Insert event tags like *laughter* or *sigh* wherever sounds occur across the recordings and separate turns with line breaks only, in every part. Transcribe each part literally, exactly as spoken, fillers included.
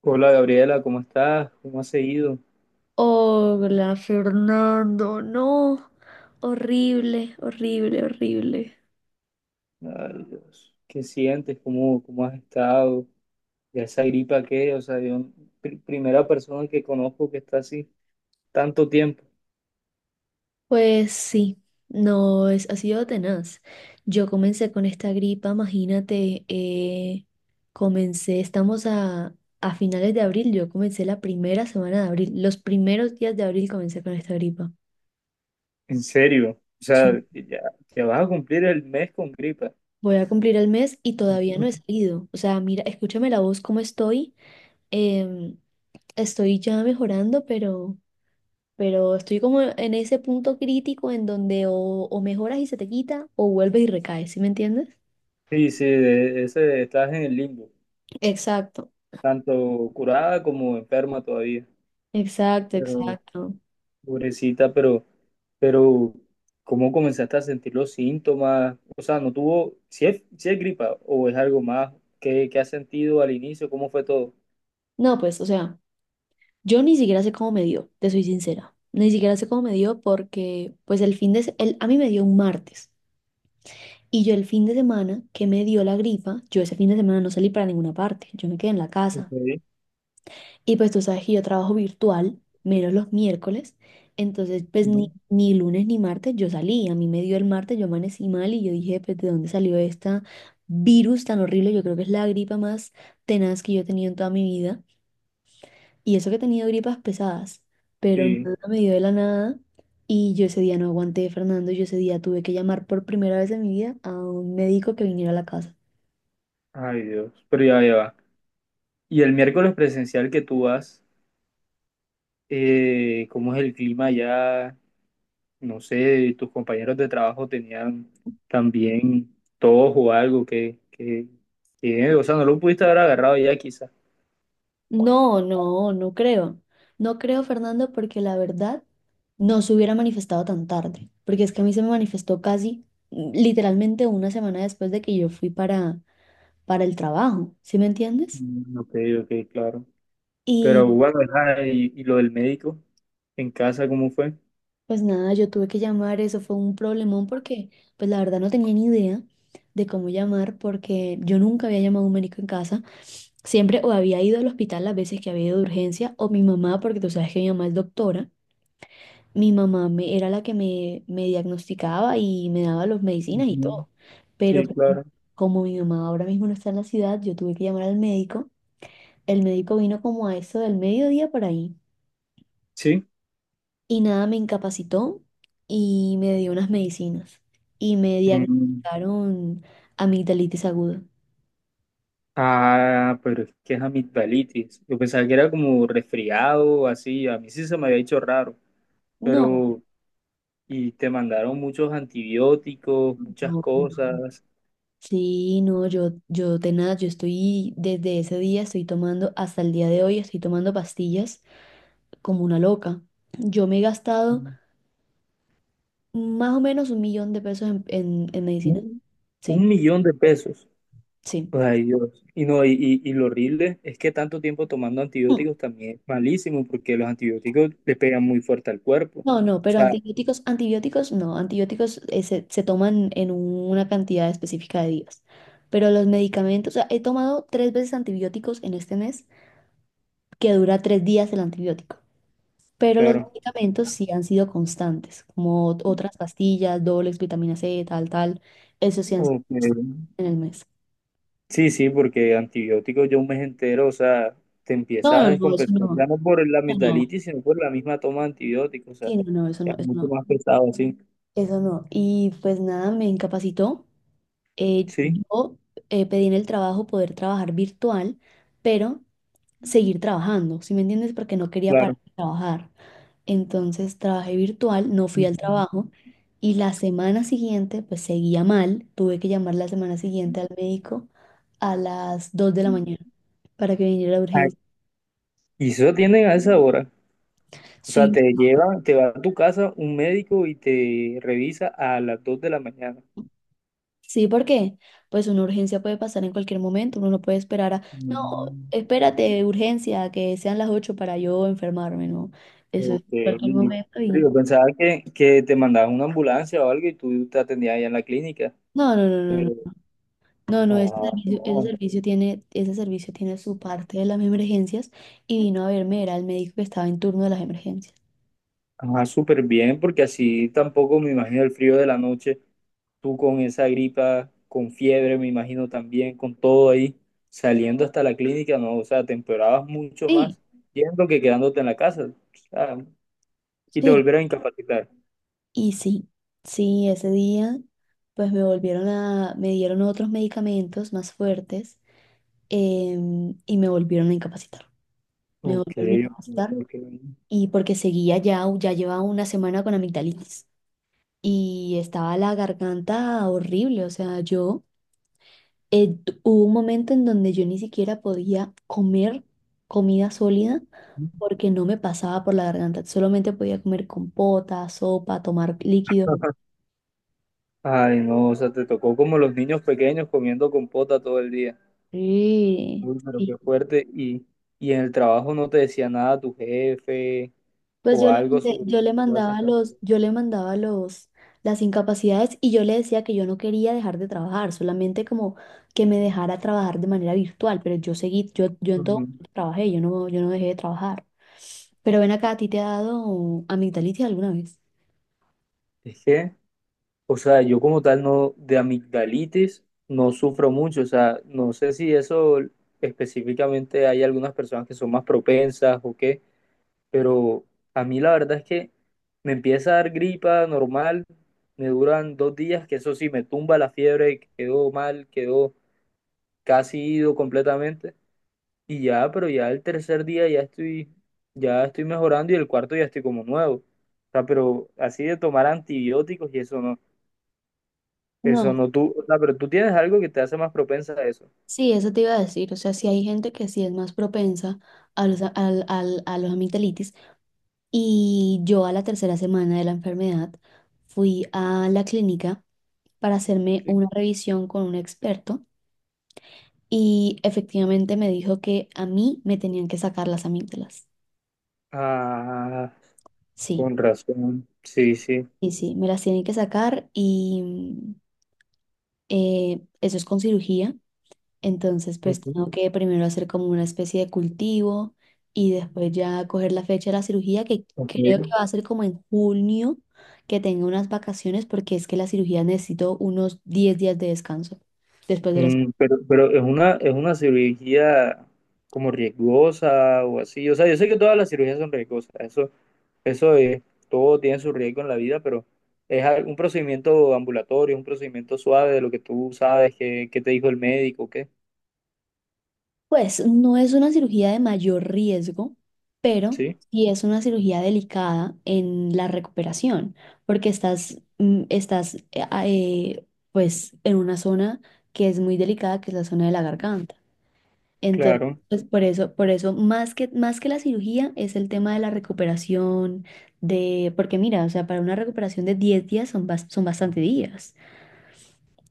Hola Gabriela, ¿cómo estás? ¿Cómo has seguido?
Hola, Fernando. No, horrible, horrible, horrible.
Ay, Dios. ¿Qué sientes? ¿Cómo, cómo has estado? ¿Ya esa gripa qué? O sea, yo, pri- primera persona que conozco que está así tanto tiempo.
Pues sí, no, es, ha sido tenaz. Yo comencé con esta gripa, imagínate, eh, comencé, estamos a, a finales de abril, yo comencé la primera semana de abril, los primeros días de abril comencé con esta gripa.
En serio. O
Sí.
sea, ya, ya vas a cumplir el mes con gripa.
Voy a cumplir el mes y todavía no he
*laughs*
salido. O sea, mira, escúchame la voz, cómo estoy. em, Estoy ya mejorando, pero... pero estoy como en ese punto crítico en donde o, o mejoras y se te quita o vuelves y recaes, ¿sí me entiendes?
Sí, sí, de- ese, estás en el limbo,
Exacto,
tanto curada como enferma todavía.
exacto,
Pero,
exacto.
pobrecita, pero Pero, ¿cómo comenzaste a sentir los síntomas? O sea, ¿no tuvo, si es, si es gripa o es algo más? ¿Qué, qué has sentido al inicio? ¿Cómo fue todo?
No, pues, o sea, yo ni siquiera sé cómo me dio, te soy sincera. Ni siquiera sé cómo me dio porque, pues, el fin de, se- el, a mí me dio un martes. Y yo el fin de semana que me dio la gripa, yo ese fin de semana no salí para ninguna parte, yo me quedé en la
Ok.
casa. Y pues tú sabes que yo trabajo virtual, menos los miércoles. Entonces, pues
Ujú.
ni, ni lunes ni martes yo salí. A mí me dio el martes, yo amanecí mal y yo dije, pues, ¿de dónde salió esta virus tan horrible? Yo creo que es la gripa más tenaz que yo he tenido en toda mi vida. Y eso que he tenido gripas pesadas, pero
Sí.
nada me dio de la nada. Y yo ese día no aguanté, Fernando. Yo ese día tuve que llamar por primera vez en mi vida a un médico que viniera a la casa.
Ay Dios, pero ya, ya va. Y el miércoles presencial que tú vas, eh, ¿cómo es el clima allá? No sé, tus compañeros de trabajo tenían también tos o algo que, que, que, o sea, no lo pudiste haber agarrado ya quizás.
No, no, no creo. No creo, Fernando, porque la verdad no se hubiera manifestado tan tarde, porque es que a mí se me manifestó casi, mm, literalmente, una semana después de que yo fui para, para el trabajo, ¿sí me entiendes?
Mm. Ok, ok, claro. Pero
Y
bueno, ajá, y, y lo del médico en casa, ¿cómo fue?
pues nada, yo tuve que llamar, eso fue un problemón porque pues la verdad no tenía ni idea de cómo llamar porque yo nunca había llamado a un médico en casa. Siempre o había ido al hospital las veces que había ido de urgencia o mi mamá, porque tú sabes que mi mamá es doctora. Mi mamá me, era la que me, me diagnosticaba y me daba las medicinas y
Ujú.
todo. Pero
Sí,
como
claro.
como mi mamá ahora mismo no está en la ciudad, yo tuve que llamar al médico. El médico vino como a eso del mediodía por ahí.
Sí.
Y nada, me incapacitó y me dio unas medicinas. Y me
Mm.
diagnosticaron amigdalitis aguda.
Ah, pero es que es amigdalitis. Yo pensaba que era como resfriado, así. A mí sí se me había hecho raro.
No,
Pero, y te mandaron muchos antibióticos, muchas
no, pues no.
cosas.
Sí, no, yo, yo de nada, yo estoy desde ese día, estoy tomando, hasta el día de hoy, estoy tomando pastillas como una loca. Yo me he gastado más o menos un millón de pesos en, en- en medicina.
Un,
Sí,
un millón de pesos.
sí.
Ay, Dios. Y no, y, y, y lo horrible es que tanto tiempo tomando
Mm.
antibióticos también es malísimo, porque los antibióticos le pegan muy fuerte al cuerpo. O
No, no, pero
sea,
antibióticos, antibióticos no. Antibióticos, eh, se, se toman en una cantidad específica de días. Pero los medicamentos, o sea, he tomado tres veces antibióticos en este mes, que dura tres días el antibiótico. Pero los
claro.
medicamentos sí han sido constantes, como ot- otras pastillas, dobles, vitamina C, tal, tal. Eso sí han sido
Ok.
en el mes.
Sí, sí, porque antibióticos yo un mes entero, o sea, te empiezas
No,
a
no, no, eso
descompensar
no.
ya no por la
Eso no.
amigdalitis, sino por la misma toma de antibióticos, o sea,
Sí, no, no, eso
ya
no,
es
eso
mucho
no.
más pesado, sí,
Eso no. Y pues nada, me incapacitó. Eh,
sí,
yo, eh, pedí en el trabajo poder trabajar virtual, pero seguir trabajando, ¿sí me entiendes? Porque no quería
claro.
parar de trabajar. Entonces trabajé virtual, no fui al trabajo y la semana siguiente pues seguía mal. Tuve que llamar la semana siguiente al médico a las dos de la mañana para que viniera la
Ay.
urgencia.
Y eso tienen a esa hora, o sea,
Sí,
te lleva, te va a tu casa un médico y te revisa a las dos de la mañana.
sí, porque pues una urgencia puede pasar en cualquier momento, uno no puede esperar a, no,
Mm.
espérate, urgencia, que sean las ocho para yo enfermarme, no, eso es
Ok.
cualquier momento
Pero
y
yo pensaba que, que te mandaban una ambulancia o algo y tú te atendías allá en la clínica,
no, no, no, no, no,
pero
no, no, ese
ah,
servicio, ese
no.
servicio tiene, ese servicio tiene su parte de las emergencias y vino a verme, era el médico que estaba en turno de las emergencias.
Ajá, súper bien, porque así tampoco me imagino el frío de la noche, tú con esa gripa, con fiebre, me imagino también, con todo ahí, saliendo hasta la clínica, no, o sea, te empeorabas mucho
Sí,
más yendo que quedándote en la casa, o sea, y te
sí,
volvieron a incapacitar.
y sí, sí, ese día pues me volvieron a, me dieron otros medicamentos más fuertes, em, y me volvieron a incapacitar. Me
Ok,
volvieron a
ok,
capacitar
ok.
y porque seguía, ya ya llevaba una semana con amigdalitis y estaba la garganta horrible, o sea, yo, eh, tu- hubo un momento en donde yo ni siquiera podía comer comida sólida porque no me pasaba por la garganta, solamente podía comer compota, sopa, tomar líquidos.
*laughs* Ay, no, o sea, te tocó como los niños pequeños comiendo compota todo el día.
Sí,
Uy, pero
sí.
qué fuerte. Y, y en el trabajo no te decía nada tu jefe
Pues
o
yo le
algo
mandé- yo
sobre
le
todas esas
mandaba los,
cantidades.
yo le mandaba los, las incapacidades y yo le decía que yo no quería dejar de trabajar, solamente como que me dejara trabajar de manera virtual, pero yo seguí, yo, yo en todo momento trabajé, yo no, yo no dejé de trabajar. Pero ven acá, ¿a ti te ha dado amigdalitis alguna vez?
Es que, o sea, yo como tal no, de amigdalitis no sufro mucho, o sea, no sé si eso específicamente hay algunas personas que son más propensas o qué, pero a mí la verdad es que me empieza a dar gripa normal, me duran dos días, que eso sí, me tumba la fiebre, quedó mal, quedó casi ido completamente, y ya, pero ya el tercer día ya estoy, ya estoy mejorando y el cuarto ya estoy como nuevo, o sea, pero así de tomar antibióticos y eso no. Eso
No,
no tú, o sea, pero tú tienes algo que te hace más propensa a eso.
sí, eso te iba a decir, o sea, sí hay gente que sí es más propensa a los, al- al- a los amigdalitis y yo a la tercera semana de la enfermedad fui a la clínica para hacerme
Sí.
una revisión con un experto y efectivamente me dijo que a mí me tenían que sacar las amígdalas.
Ah,
Sí,
con razón. Sí, sí.
sí, sí, me las tienen que sacar y, mm, eh, eso es con cirugía. Entonces, pues
Ujú,
tengo que primero hacer como una especie de cultivo y después ya coger la fecha de la cirugía, que creo que
ok.
va a ser como en junio, que tenga unas vacaciones porque es que la cirugía necesito unos diez días de descanso después de la.
Mm, pero, pero es una, es una cirugía como riesgosa o así. O sea, yo sé que todas las cirugías son riesgosas. Eso, eso es, todo tiene su riesgo en la vida, pero es al- un procedimiento ambulatorio, un procedimiento suave de lo que tú sabes, que, que te dijo el médico, ¿qué?
Pues no es una cirugía de mayor riesgo, pero
Sí,
sí es una cirugía delicada en la recuperación, porque estás, mm, estás eh, a- eh, pues en una zona que es muy delicada, que es la zona de la garganta. Entonces,
claro.
pues por eso, por eso más que, más que la cirugía es el tema de la recuperación de, porque mira, o sea, para una recuperación de diez días son, bas- son bastante días.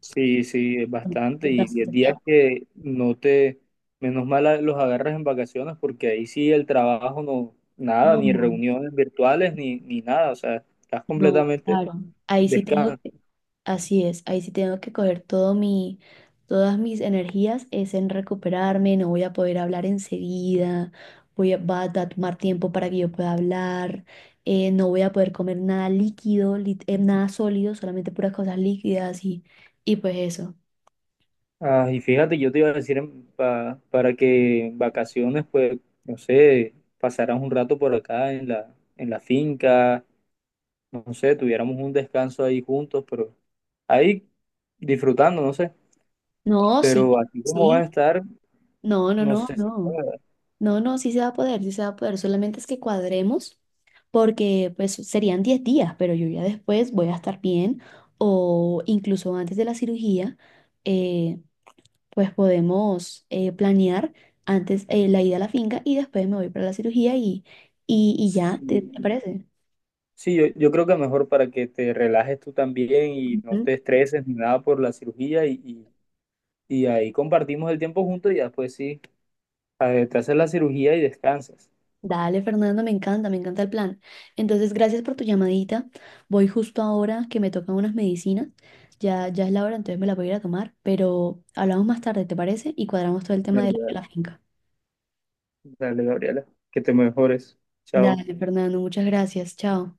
Sí, sí, es bastante.
Es
Y diez
bastante
días
tiempo.
que no te, menos mal a- los agarras en vacaciones porque ahí sí el trabajo no, nada,
No,
ni
no,
reuniones virtuales, ni, ni nada. O sea, estás
no,
completamente
claro. Ahí sí tengo
descansado.
que Así es, ahí sí tengo que coger todo mi, todas mis energías es en recuperarme, no voy a poder hablar enseguida, voy a, va a tomar tiempo para que yo pueda hablar, eh, no voy a poder comer nada líquido, lit- eh, nada sólido, solamente puras cosas líquidas y, y pues eso.
Ah, y fíjate, yo te iba a decir en- pa- para que en vacaciones, pues, no sé, pasarás un rato por acá en la, en la finca, no sé, tuviéramos un descanso ahí juntos, pero ahí disfrutando, no sé.
No, sí,
Pero así como vas a
sí,
estar,
no, no,
no
no,
sé si
no.
pueda.
No, no, sí se va a poder, sí se va a poder. Solamente es que cuadremos porque pues serían diez días, pero yo ya después voy a estar bien o incluso antes de la cirugía, eh, pues podemos eh, planear antes, eh, la ida a la finca y después me voy para la cirugía y, y, y ya, ¿te, te parece?
Sí, yo, yo creo que mejor para que te relajes tú también y no te estreses ni nada por la cirugía y, y- y ahí compartimos el tiempo juntos y ya después sí, a te haces la cirugía y descansas.
Dale, Fernando, me encanta, me encanta el plan. Entonces, gracias por tu llamadita. Voy justo ahora que me tocan unas medicinas. Ya, ya es la hora, entonces me las voy a ir a tomar, pero hablamos más tarde, ¿te parece? Y cuadramos todo el tema
Dale,
de la, de
dale,
la finca.
dale, Gabriela, que te mejores. Chao.
Dale, Fernando, muchas gracias. Chao.